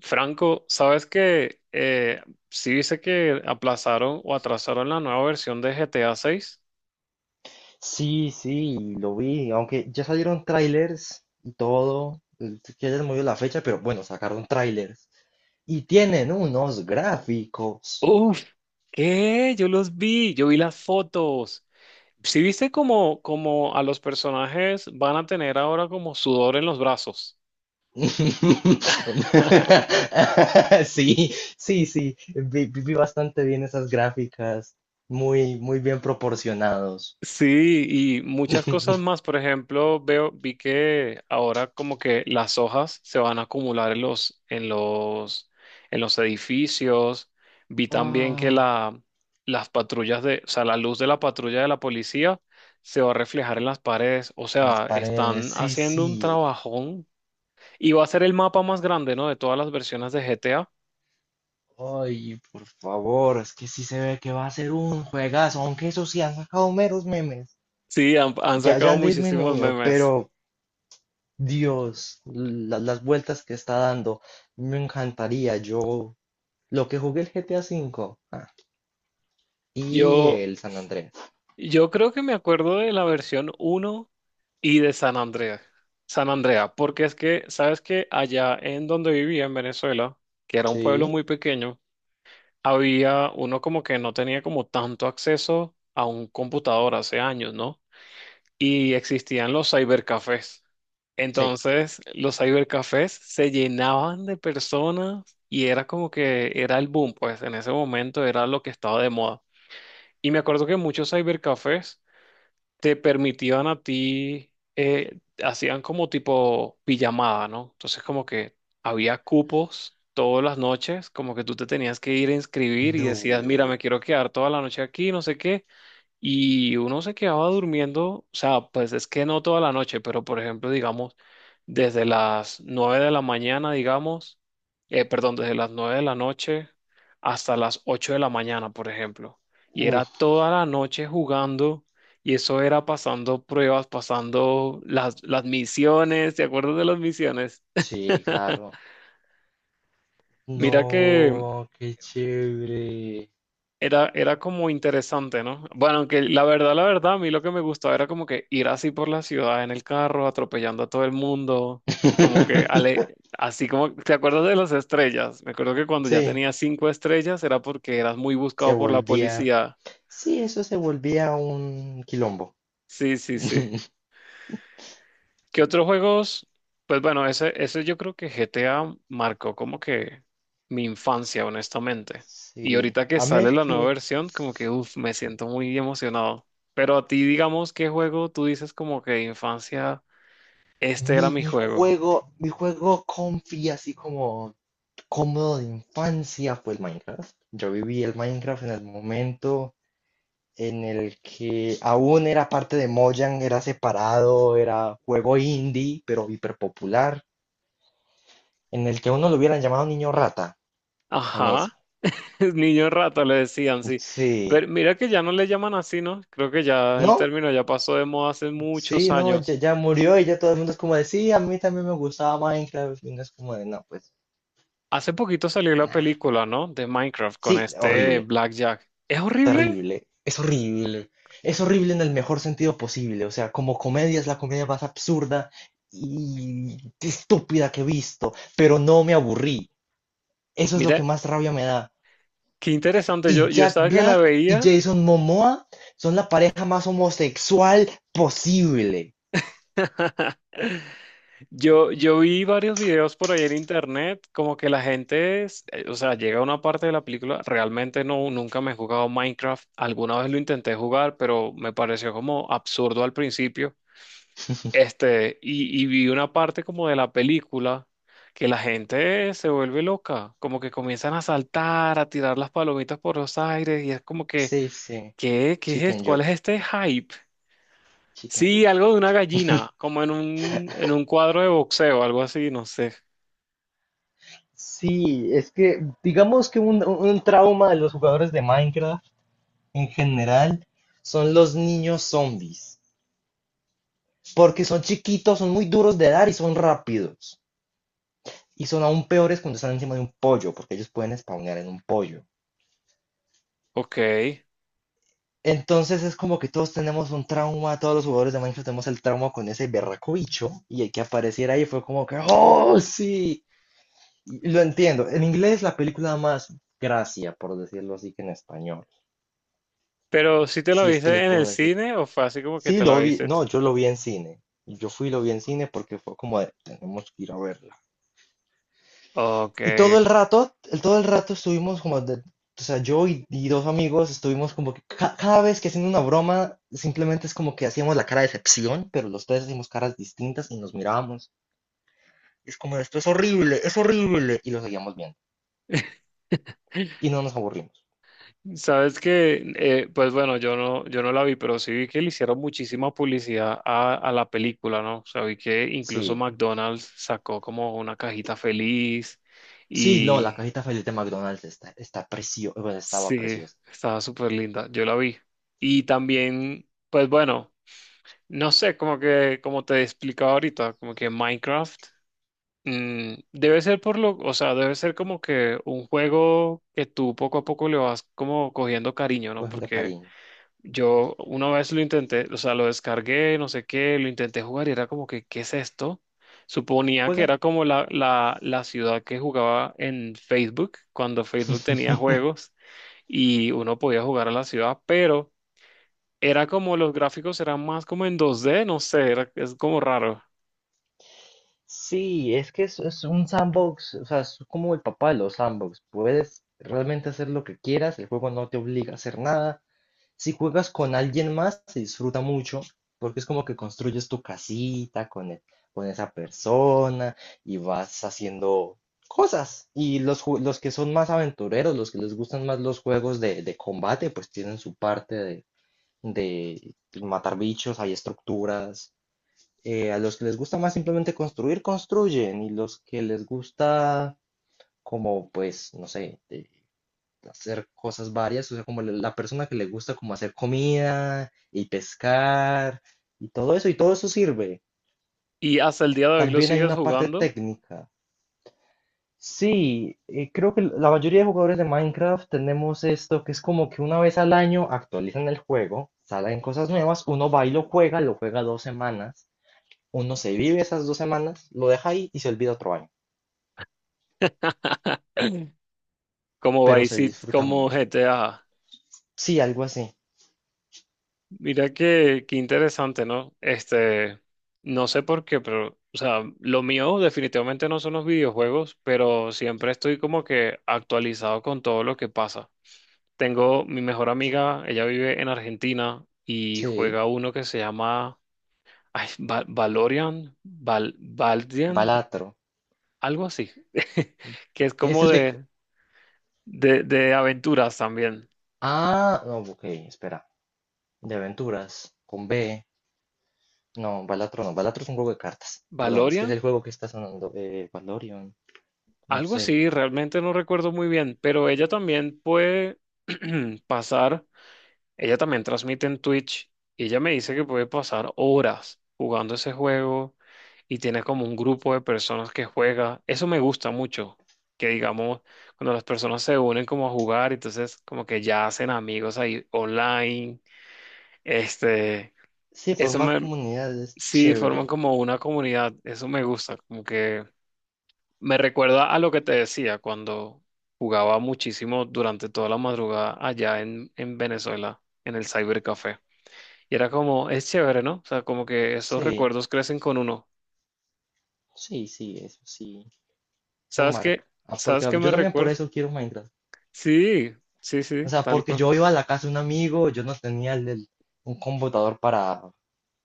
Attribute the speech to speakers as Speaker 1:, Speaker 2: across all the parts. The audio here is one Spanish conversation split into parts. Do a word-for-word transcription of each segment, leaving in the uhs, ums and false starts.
Speaker 1: Franco, sabes que eh, sí dice que aplazaron o atrasaron la nueva versión de G T A seis.
Speaker 2: Sí, sí, lo vi, aunque ya salieron trailers y todo, eh, que hayan movido la fecha, pero bueno, sacaron trailers. Y tienen unos gráficos.
Speaker 1: Uf, ¿qué? Yo los vi, yo vi las fotos. Sí viste como, como a los personajes van a tener ahora como sudor en los brazos.
Speaker 2: Sí, sí, sí, vi, vi- vi bastante bien esas gráficas, muy, muy bien proporcionados.
Speaker 1: Sí, y muchas cosas más. Por ejemplo, veo, vi que ahora como que las hojas se van a acumular en los, en los, en los edificios. Vi también que
Speaker 2: Ah,
Speaker 1: la, las patrullas de, o sea, la luz de la patrulla de la policía se va a reflejar en las paredes. O
Speaker 2: en las
Speaker 1: sea,
Speaker 2: paredes,
Speaker 1: están
Speaker 2: sí,
Speaker 1: haciendo un
Speaker 2: sí.
Speaker 1: trabajón. Y va a ser el mapa más grande, ¿no? De todas las versiones de G T A.
Speaker 2: Ay, por favor, es que sí se ve que va a ser un juegazo, aunque eso sí han sacado meros memes.
Speaker 1: Sí, han, han
Speaker 2: Ya, ya
Speaker 1: sacado
Speaker 2: han
Speaker 1: muchísimos
Speaker 2: disminuido,
Speaker 1: memes.
Speaker 2: pero Dios, la- las vueltas que está dando, me encantaría. Yo, lo que jugué el G T A V ah, y
Speaker 1: Yo,
Speaker 2: el San Andrés.
Speaker 1: Yo creo que me acuerdo de la versión uno y de San Andrea. San Andrea, porque es que, sabes que allá en donde vivía en Venezuela, que era un pueblo
Speaker 2: Sí,
Speaker 1: muy pequeño, había uno como que no tenía como tanto acceso a un computador hace años, ¿no? Y existían los cybercafés.
Speaker 2: sí.
Speaker 1: Entonces, los cybercafés se llenaban de personas y era como que era el boom, pues en ese momento era lo que estaba de moda. Y me acuerdo que muchos cybercafés te permitían a ti, eh, hacían como tipo pijamada, ¿no? Entonces como que había cupos todas las noches, como que tú te tenías que ir a inscribir y decías, mira,
Speaker 2: No.
Speaker 1: me quiero quedar toda la noche aquí, no sé qué. Y uno se quedaba durmiendo, o sea, pues es que no toda la noche, pero por ejemplo, digamos, desde las nueve de la mañana, digamos, eh, perdón, desde las nueve de la noche hasta las ocho de la mañana, por ejemplo. Y era
Speaker 2: Uf,
Speaker 1: toda la noche jugando y eso era pasando pruebas, pasando las, las misiones, ¿te acuerdas de las misiones?
Speaker 2: sí, claro. No,
Speaker 1: Mira que
Speaker 2: qué chévere.
Speaker 1: Era, era como interesante, ¿no? Bueno, aunque la verdad, la verdad, a mí lo que me gustaba era como que ir así por la ciudad en el carro, atropellando a todo el mundo, como que ale- así como, ¿te acuerdas de las estrellas? Me acuerdo que cuando ya
Speaker 2: Sí,
Speaker 1: tenía cinco estrellas era porque eras muy
Speaker 2: se
Speaker 1: buscado por la
Speaker 2: volvía.
Speaker 1: policía.
Speaker 2: Sí, eso se volvía un quilombo.
Speaker 1: Sí, sí, sí. ¿Qué otros juegos? Pues bueno, ese, ese yo creo que G T A marcó como que mi infancia, honestamente. Y
Speaker 2: Sí,
Speaker 1: ahorita que
Speaker 2: a mí
Speaker 1: sale
Speaker 2: el
Speaker 1: la
Speaker 2: que
Speaker 1: nueva versión, como que, uff, me siento muy emocionado. Pero a ti, digamos, ¿qué juego tú dices como que de infancia, este era
Speaker 2: mi,
Speaker 1: mi
Speaker 2: mi
Speaker 1: juego?
Speaker 2: juego, mi juego comfy, así como cómodo de infancia, fue el Minecraft. Yo viví el Minecraft en el momento en el que aún era parte de Mojang, era separado, era juego indie, pero hiper popular, en el que a uno lo hubieran llamado niño rata, en ese.
Speaker 1: Ajá, el niño rata le decían, sí.
Speaker 2: Sí,
Speaker 1: Pero mira que ya no le llaman así, ¿no? Creo que ya el
Speaker 2: no,
Speaker 1: término ya pasó de moda hace muchos
Speaker 2: sí, no, ya,
Speaker 1: años.
Speaker 2: ya murió y ya todo el mundo es como de, sí, a mí también me gustaba Minecraft, y uno es como de, no, pues,
Speaker 1: Hace poquito salió la
Speaker 2: nah.
Speaker 1: película, ¿no? De Minecraft
Speaker 2: Sí,
Speaker 1: con este
Speaker 2: horrible,
Speaker 1: Blackjack. Es horrible.
Speaker 2: terrible, es horrible, es horrible en el mejor sentido posible, o sea, como comedia es la comedia más absurda y estúpida que he visto, pero no me aburrí, eso es lo que
Speaker 1: Mira,
Speaker 2: más rabia me da.
Speaker 1: qué interesante. Yo,
Speaker 2: Y
Speaker 1: yo
Speaker 2: Jack
Speaker 1: estaba que la
Speaker 2: Black y
Speaker 1: veía.
Speaker 2: Jason Momoa son la pareja más homosexual posible.
Speaker 1: Yo, yo vi varios videos por ahí en internet, como que la gente, es- eh, o sea, llega a una parte de la película, realmente no, nunca me he jugado Minecraft, alguna vez lo intenté jugar, pero me pareció como absurdo al principio, este, y, y vi una parte como de la película que la gente se vuelve loca, como que comienzan a saltar, a tirar las palomitas por los aires, y es como que,
Speaker 2: Sí, sí,
Speaker 1: ¿qué, qué es esto?
Speaker 2: chicken
Speaker 1: ¿Cuál es
Speaker 2: jockey,
Speaker 1: este hype?
Speaker 2: chicken
Speaker 1: Sí,
Speaker 2: jockey.
Speaker 1: algo de una gallina, como en un, en un cuadro de boxeo, algo así, no sé.
Speaker 2: Sí, es que digamos que un, un trauma de los jugadores de Minecraft en general son los niños zombies. Porque son chiquitos, son muy duros de dar y son rápidos. Y son aún peores cuando están encima de un pollo, porque ellos pueden spawnear en un pollo.
Speaker 1: Ok.
Speaker 2: Entonces es como que todos tenemos un trauma, todos los jugadores de Minecraft tenemos el trauma con ese berraco bicho, y el que apareciera ahí fue como que, ¡oh, sí! Y lo entiendo. En inglés la película da más gracia, por decirlo así, que en español.
Speaker 1: Pero si te lo
Speaker 2: Si es que le
Speaker 1: viste en
Speaker 2: puedo
Speaker 1: el
Speaker 2: decir,
Speaker 1: cine o fue así como que
Speaker 2: sí,
Speaker 1: te lo
Speaker 2: lo vi,
Speaker 1: viste tú?
Speaker 2: no, yo lo vi en cine. Yo fui y lo vi en cine porque fue como de, tenemos que ir a verla.
Speaker 1: Ok.
Speaker 2: Y todo el rato, el, todo el rato estuvimos como, de- o sea, yo y, y dos amigos estuvimos como que ca- cada vez que haciendo una broma, simplemente es como que hacíamos la cara de decepción, pero los tres hacíamos caras distintas y nos mirábamos. Es como, esto es horrible, es horrible, y lo seguíamos viendo. Y no nos aburrimos.
Speaker 1: Sabes que, eh, pues bueno, yo no, yo no la vi, pero sí vi que le hicieron muchísima publicidad a, a la película, ¿no? O sea, vi que incluso
Speaker 2: Sí.
Speaker 1: McDonald's sacó como una cajita feliz
Speaker 2: Sí, no, la
Speaker 1: y
Speaker 2: cajita feliz de McDonald's está, está preciosa, bueno, estaba
Speaker 1: sí,
Speaker 2: preciosa,
Speaker 1: estaba súper linda, yo la vi. Y también, pues bueno. No sé, como que, como te he explicado ahorita, como que Minecraft mm, debe ser por lo, o sea, debe ser como que un juego que tú poco a poco le vas como cogiendo cariño, ¿no?
Speaker 2: cogiendo
Speaker 1: Porque
Speaker 2: cariño.
Speaker 1: yo una vez lo intenté, o sea, lo descargué, no sé qué, lo intenté jugar y era como que, ¿qué es esto? Suponía que
Speaker 2: Juega.
Speaker 1: era como la, la, la ciudad que jugaba en Facebook, cuando Facebook tenía juegos y uno podía jugar a la ciudad, pero era como los gráficos eran más como en dos D, no sé, era- es como raro.
Speaker 2: Sí, es que es, es un sandbox, o sea, es como el papá de los sandbox. Puedes realmente hacer lo que quieras, el juego no te obliga a hacer nada. Si juegas con alguien más, se disfruta mucho, porque es como que construyes tu casita con, el- con esa persona y vas haciendo cosas. Y los, ju- los que son más aventureros, los que les gustan más los juegos de, de combate, pues tienen su parte de, de matar bichos, hay estructuras, eh, a los que les gusta más simplemente construir, construyen, y los que les gusta como, pues, no sé, eh, hacer cosas varias, o sea, como la la persona que le gusta como hacer comida y pescar y todo eso, y todo eso sirve.
Speaker 1: Y hasta el día de hoy lo
Speaker 2: También hay
Speaker 1: sigues
Speaker 2: una parte
Speaker 1: jugando
Speaker 2: técnica. Sí, eh, creo que la mayoría de jugadores de Minecraft tenemos esto, que es como que una vez al año actualizan el juego, salen cosas nuevas, uno va y lo juega, lo juega dos semanas, uno se vive esas dos semanas, lo deja ahí y se olvida otro año.
Speaker 1: como
Speaker 2: Pero
Speaker 1: Vice
Speaker 2: se
Speaker 1: City-
Speaker 2: disfruta
Speaker 1: como
Speaker 2: mucho.
Speaker 1: G T A.
Speaker 2: Sí, algo así.
Speaker 1: Mira que, qué interesante, ¿no? Este, no sé por qué, pero, o sea, lo mío definitivamente no son los videojuegos, pero siempre estoy como que actualizado con todo lo que pasa. Tengo mi mejor amiga, ella vive en Argentina y
Speaker 2: Sí,
Speaker 1: juega uno que se llama ay, Va- Valorian, Val, Valdian,
Speaker 2: Balatro.
Speaker 1: algo así. Que es
Speaker 2: Es
Speaker 1: como
Speaker 2: el de... c-
Speaker 1: de, de, de aventuras también.
Speaker 2: Ah, no, ok, espera. De aventuras, con B. No, Balatro no. Balatro es un juego de cartas. Perdón, es que
Speaker 1: ¿Valorian?
Speaker 2: es el juego que está sonando. Eh, Valorion, no
Speaker 1: Algo
Speaker 2: sé.
Speaker 1: así, realmente no recuerdo muy bien, pero ella también puede pasar, ella también transmite en Twitch y ella me dice que puede pasar horas jugando ese juego y tiene como un grupo de personas que juega. Eso me gusta mucho, que digamos, cuando las personas se unen como a jugar, entonces como que ya hacen amigos ahí online, este.
Speaker 2: Sí,
Speaker 1: Eso
Speaker 2: formar
Speaker 1: me,
Speaker 2: comunidades es
Speaker 1: Sí, forman
Speaker 2: chévere.
Speaker 1: como una comunidad, eso me gusta, como que me recuerda a lo que te decía cuando jugaba muchísimo durante toda la madrugada allá en, en Venezuela, en el cybercafé. Y era como, es chévere, ¿no? O sea, como que esos
Speaker 2: Sí,
Speaker 1: recuerdos crecen con uno.
Speaker 2: sí, sí, eso sí. Eso
Speaker 1: ¿Sabes qué?
Speaker 2: marca. Ah,
Speaker 1: ¿Sabes
Speaker 2: porque
Speaker 1: qué me
Speaker 2: yo también por
Speaker 1: recuerda?
Speaker 2: eso quiero Minecraft.
Speaker 1: Sí, sí, sí,
Speaker 2: O sea,
Speaker 1: tal
Speaker 2: porque
Speaker 1: cual.
Speaker 2: yo iba a la casa de un amigo, yo no tenía el- el- un computador para,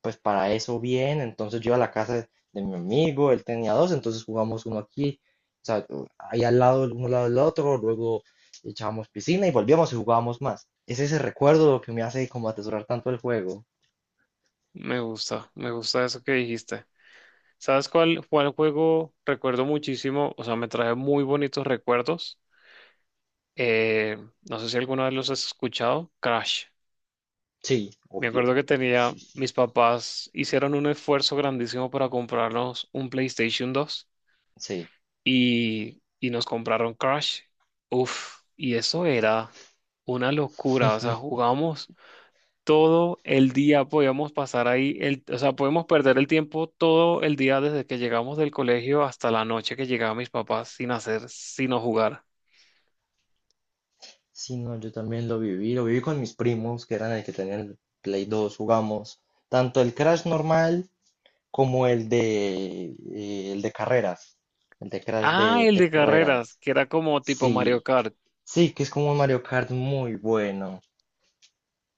Speaker 2: pues para eso bien, entonces yo iba a la casa de, de mi amigo, él tenía dos, entonces jugamos uno aquí, o sea, u- ahí al lado, uno al lado del otro, luego echábamos piscina y volvíamos y jugábamos más. Es ese recuerdo lo que me hace como atesorar tanto el juego.
Speaker 1: Me gusta, me gusta eso que dijiste. ¿Sabes cuál, cuál juego recuerdo muchísimo? O sea, me trae muy bonitos recuerdos. Eh, no sé si alguna vez los has escuchado. Crash.
Speaker 2: Sí,
Speaker 1: Me
Speaker 2: obvio.
Speaker 1: acuerdo que tenía,
Speaker 2: Sí, sí,
Speaker 1: mis
Speaker 2: sí, sí.
Speaker 1: papás hicieron un esfuerzo grandísimo para comprarnos un PlayStation dos
Speaker 2: Sí.
Speaker 1: y, y nos compraron Crash. Uf, y eso era una locura. O sea, jugamos todo el día, podíamos pasar ahí, el, o sea, podíamos perder el tiempo todo el día desde que llegamos del colegio hasta la noche que llegaban mis papás sin hacer, sino jugar.
Speaker 2: Sí, no, yo también lo viví, lo viví con mis primos, que eran el que tenían el Play dos, jugamos tanto el Crash normal, como el de, eh, el de carreras, el de Crash
Speaker 1: Ah,
Speaker 2: de,
Speaker 1: el
Speaker 2: de
Speaker 1: de carreras,
Speaker 2: carreras.
Speaker 1: que era como tipo Mario
Speaker 2: Sí,
Speaker 1: Kart.
Speaker 2: sí, que es como un Mario Kart muy bueno.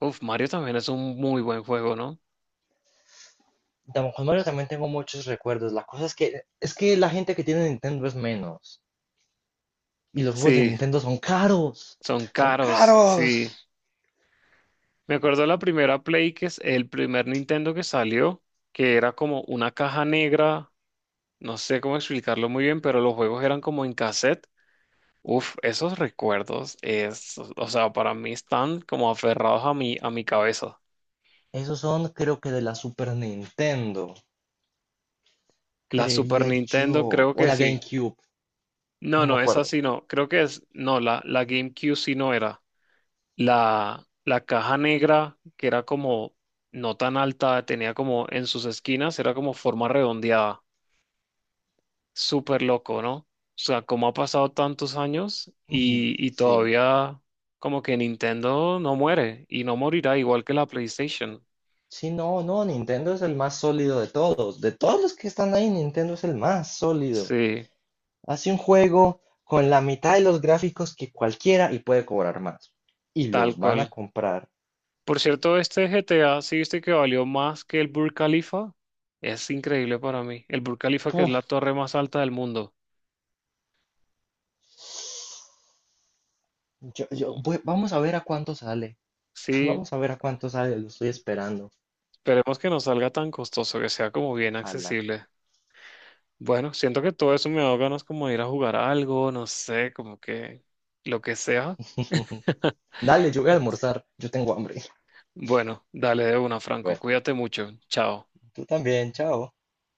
Speaker 1: Uf, Mario también es un muy buen juego, ¿no?
Speaker 2: Tam- con Mario también tengo muchos recuerdos. La cosa es que, es que la gente que tiene Nintendo es menos. Y los juegos de
Speaker 1: Sí,
Speaker 2: Nintendo son caros.
Speaker 1: son
Speaker 2: Son
Speaker 1: caros, sí.
Speaker 2: caros.
Speaker 1: Me acuerdo la primera Play, que es el primer Nintendo que salió, que era como una caja negra, no sé cómo explicarlo muy bien, pero los juegos eran como en cassette. Uf, esos recuerdos es, o sea, para mí están como aferrados a mi, a mi cabeza.
Speaker 2: Esos son, creo que de la Super Nintendo,
Speaker 1: La Super
Speaker 2: creería
Speaker 1: Nintendo
Speaker 2: yo.
Speaker 1: creo
Speaker 2: O
Speaker 1: que
Speaker 2: la
Speaker 1: sí.
Speaker 2: GameCube,
Speaker 1: No,
Speaker 2: no me
Speaker 1: no, esa
Speaker 2: acuerdo.
Speaker 1: sí no. Creo que es, no, la, la GameCube sí no era. La, la caja negra, que era como no tan alta, tenía como en sus esquinas, era como forma redondeada. Súper loco, ¿no? O sea, cómo ha pasado tantos años
Speaker 2: Y
Speaker 1: y, y
Speaker 2: sí.
Speaker 1: todavía como que Nintendo no muere y no morirá igual que la PlayStation.
Speaker 2: Sí, no, no, Nintendo es el más sólido de todos. De todos los que están ahí, Nintendo es el más sólido.
Speaker 1: Sí,
Speaker 2: Hace un juego con la mitad de los gráficos que cualquiera y puede cobrar más. Y
Speaker 1: tal
Speaker 2: los van a
Speaker 1: cual.
Speaker 2: comprar.
Speaker 1: Por cierto, este G T A, ¿sí viste que valió más que el Burj Khalifa? Es increíble para mí. El Burj Khalifa, que es la
Speaker 2: Puf,
Speaker 1: torre más alta del mundo.
Speaker 2: yo, yo, voy- vamos a ver a cuánto sale.
Speaker 1: Sí,
Speaker 2: Vamos a ver a cuánto sale, lo estoy esperando.
Speaker 1: esperemos que no salga tan costoso, que sea como bien
Speaker 2: Ojalá.
Speaker 1: accesible. Bueno, siento que todo eso me da ganas como de ir a jugar a algo, no sé, como que lo que sea.
Speaker 2: Dale, yo voy a almorzar. Yo tengo hambre.
Speaker 1: Bueno, dale de una, Franco.
Speaker 2: Bueno,
Speaker 1: Cuídate mucho. Chao.
Speaker 2: tú también, chao.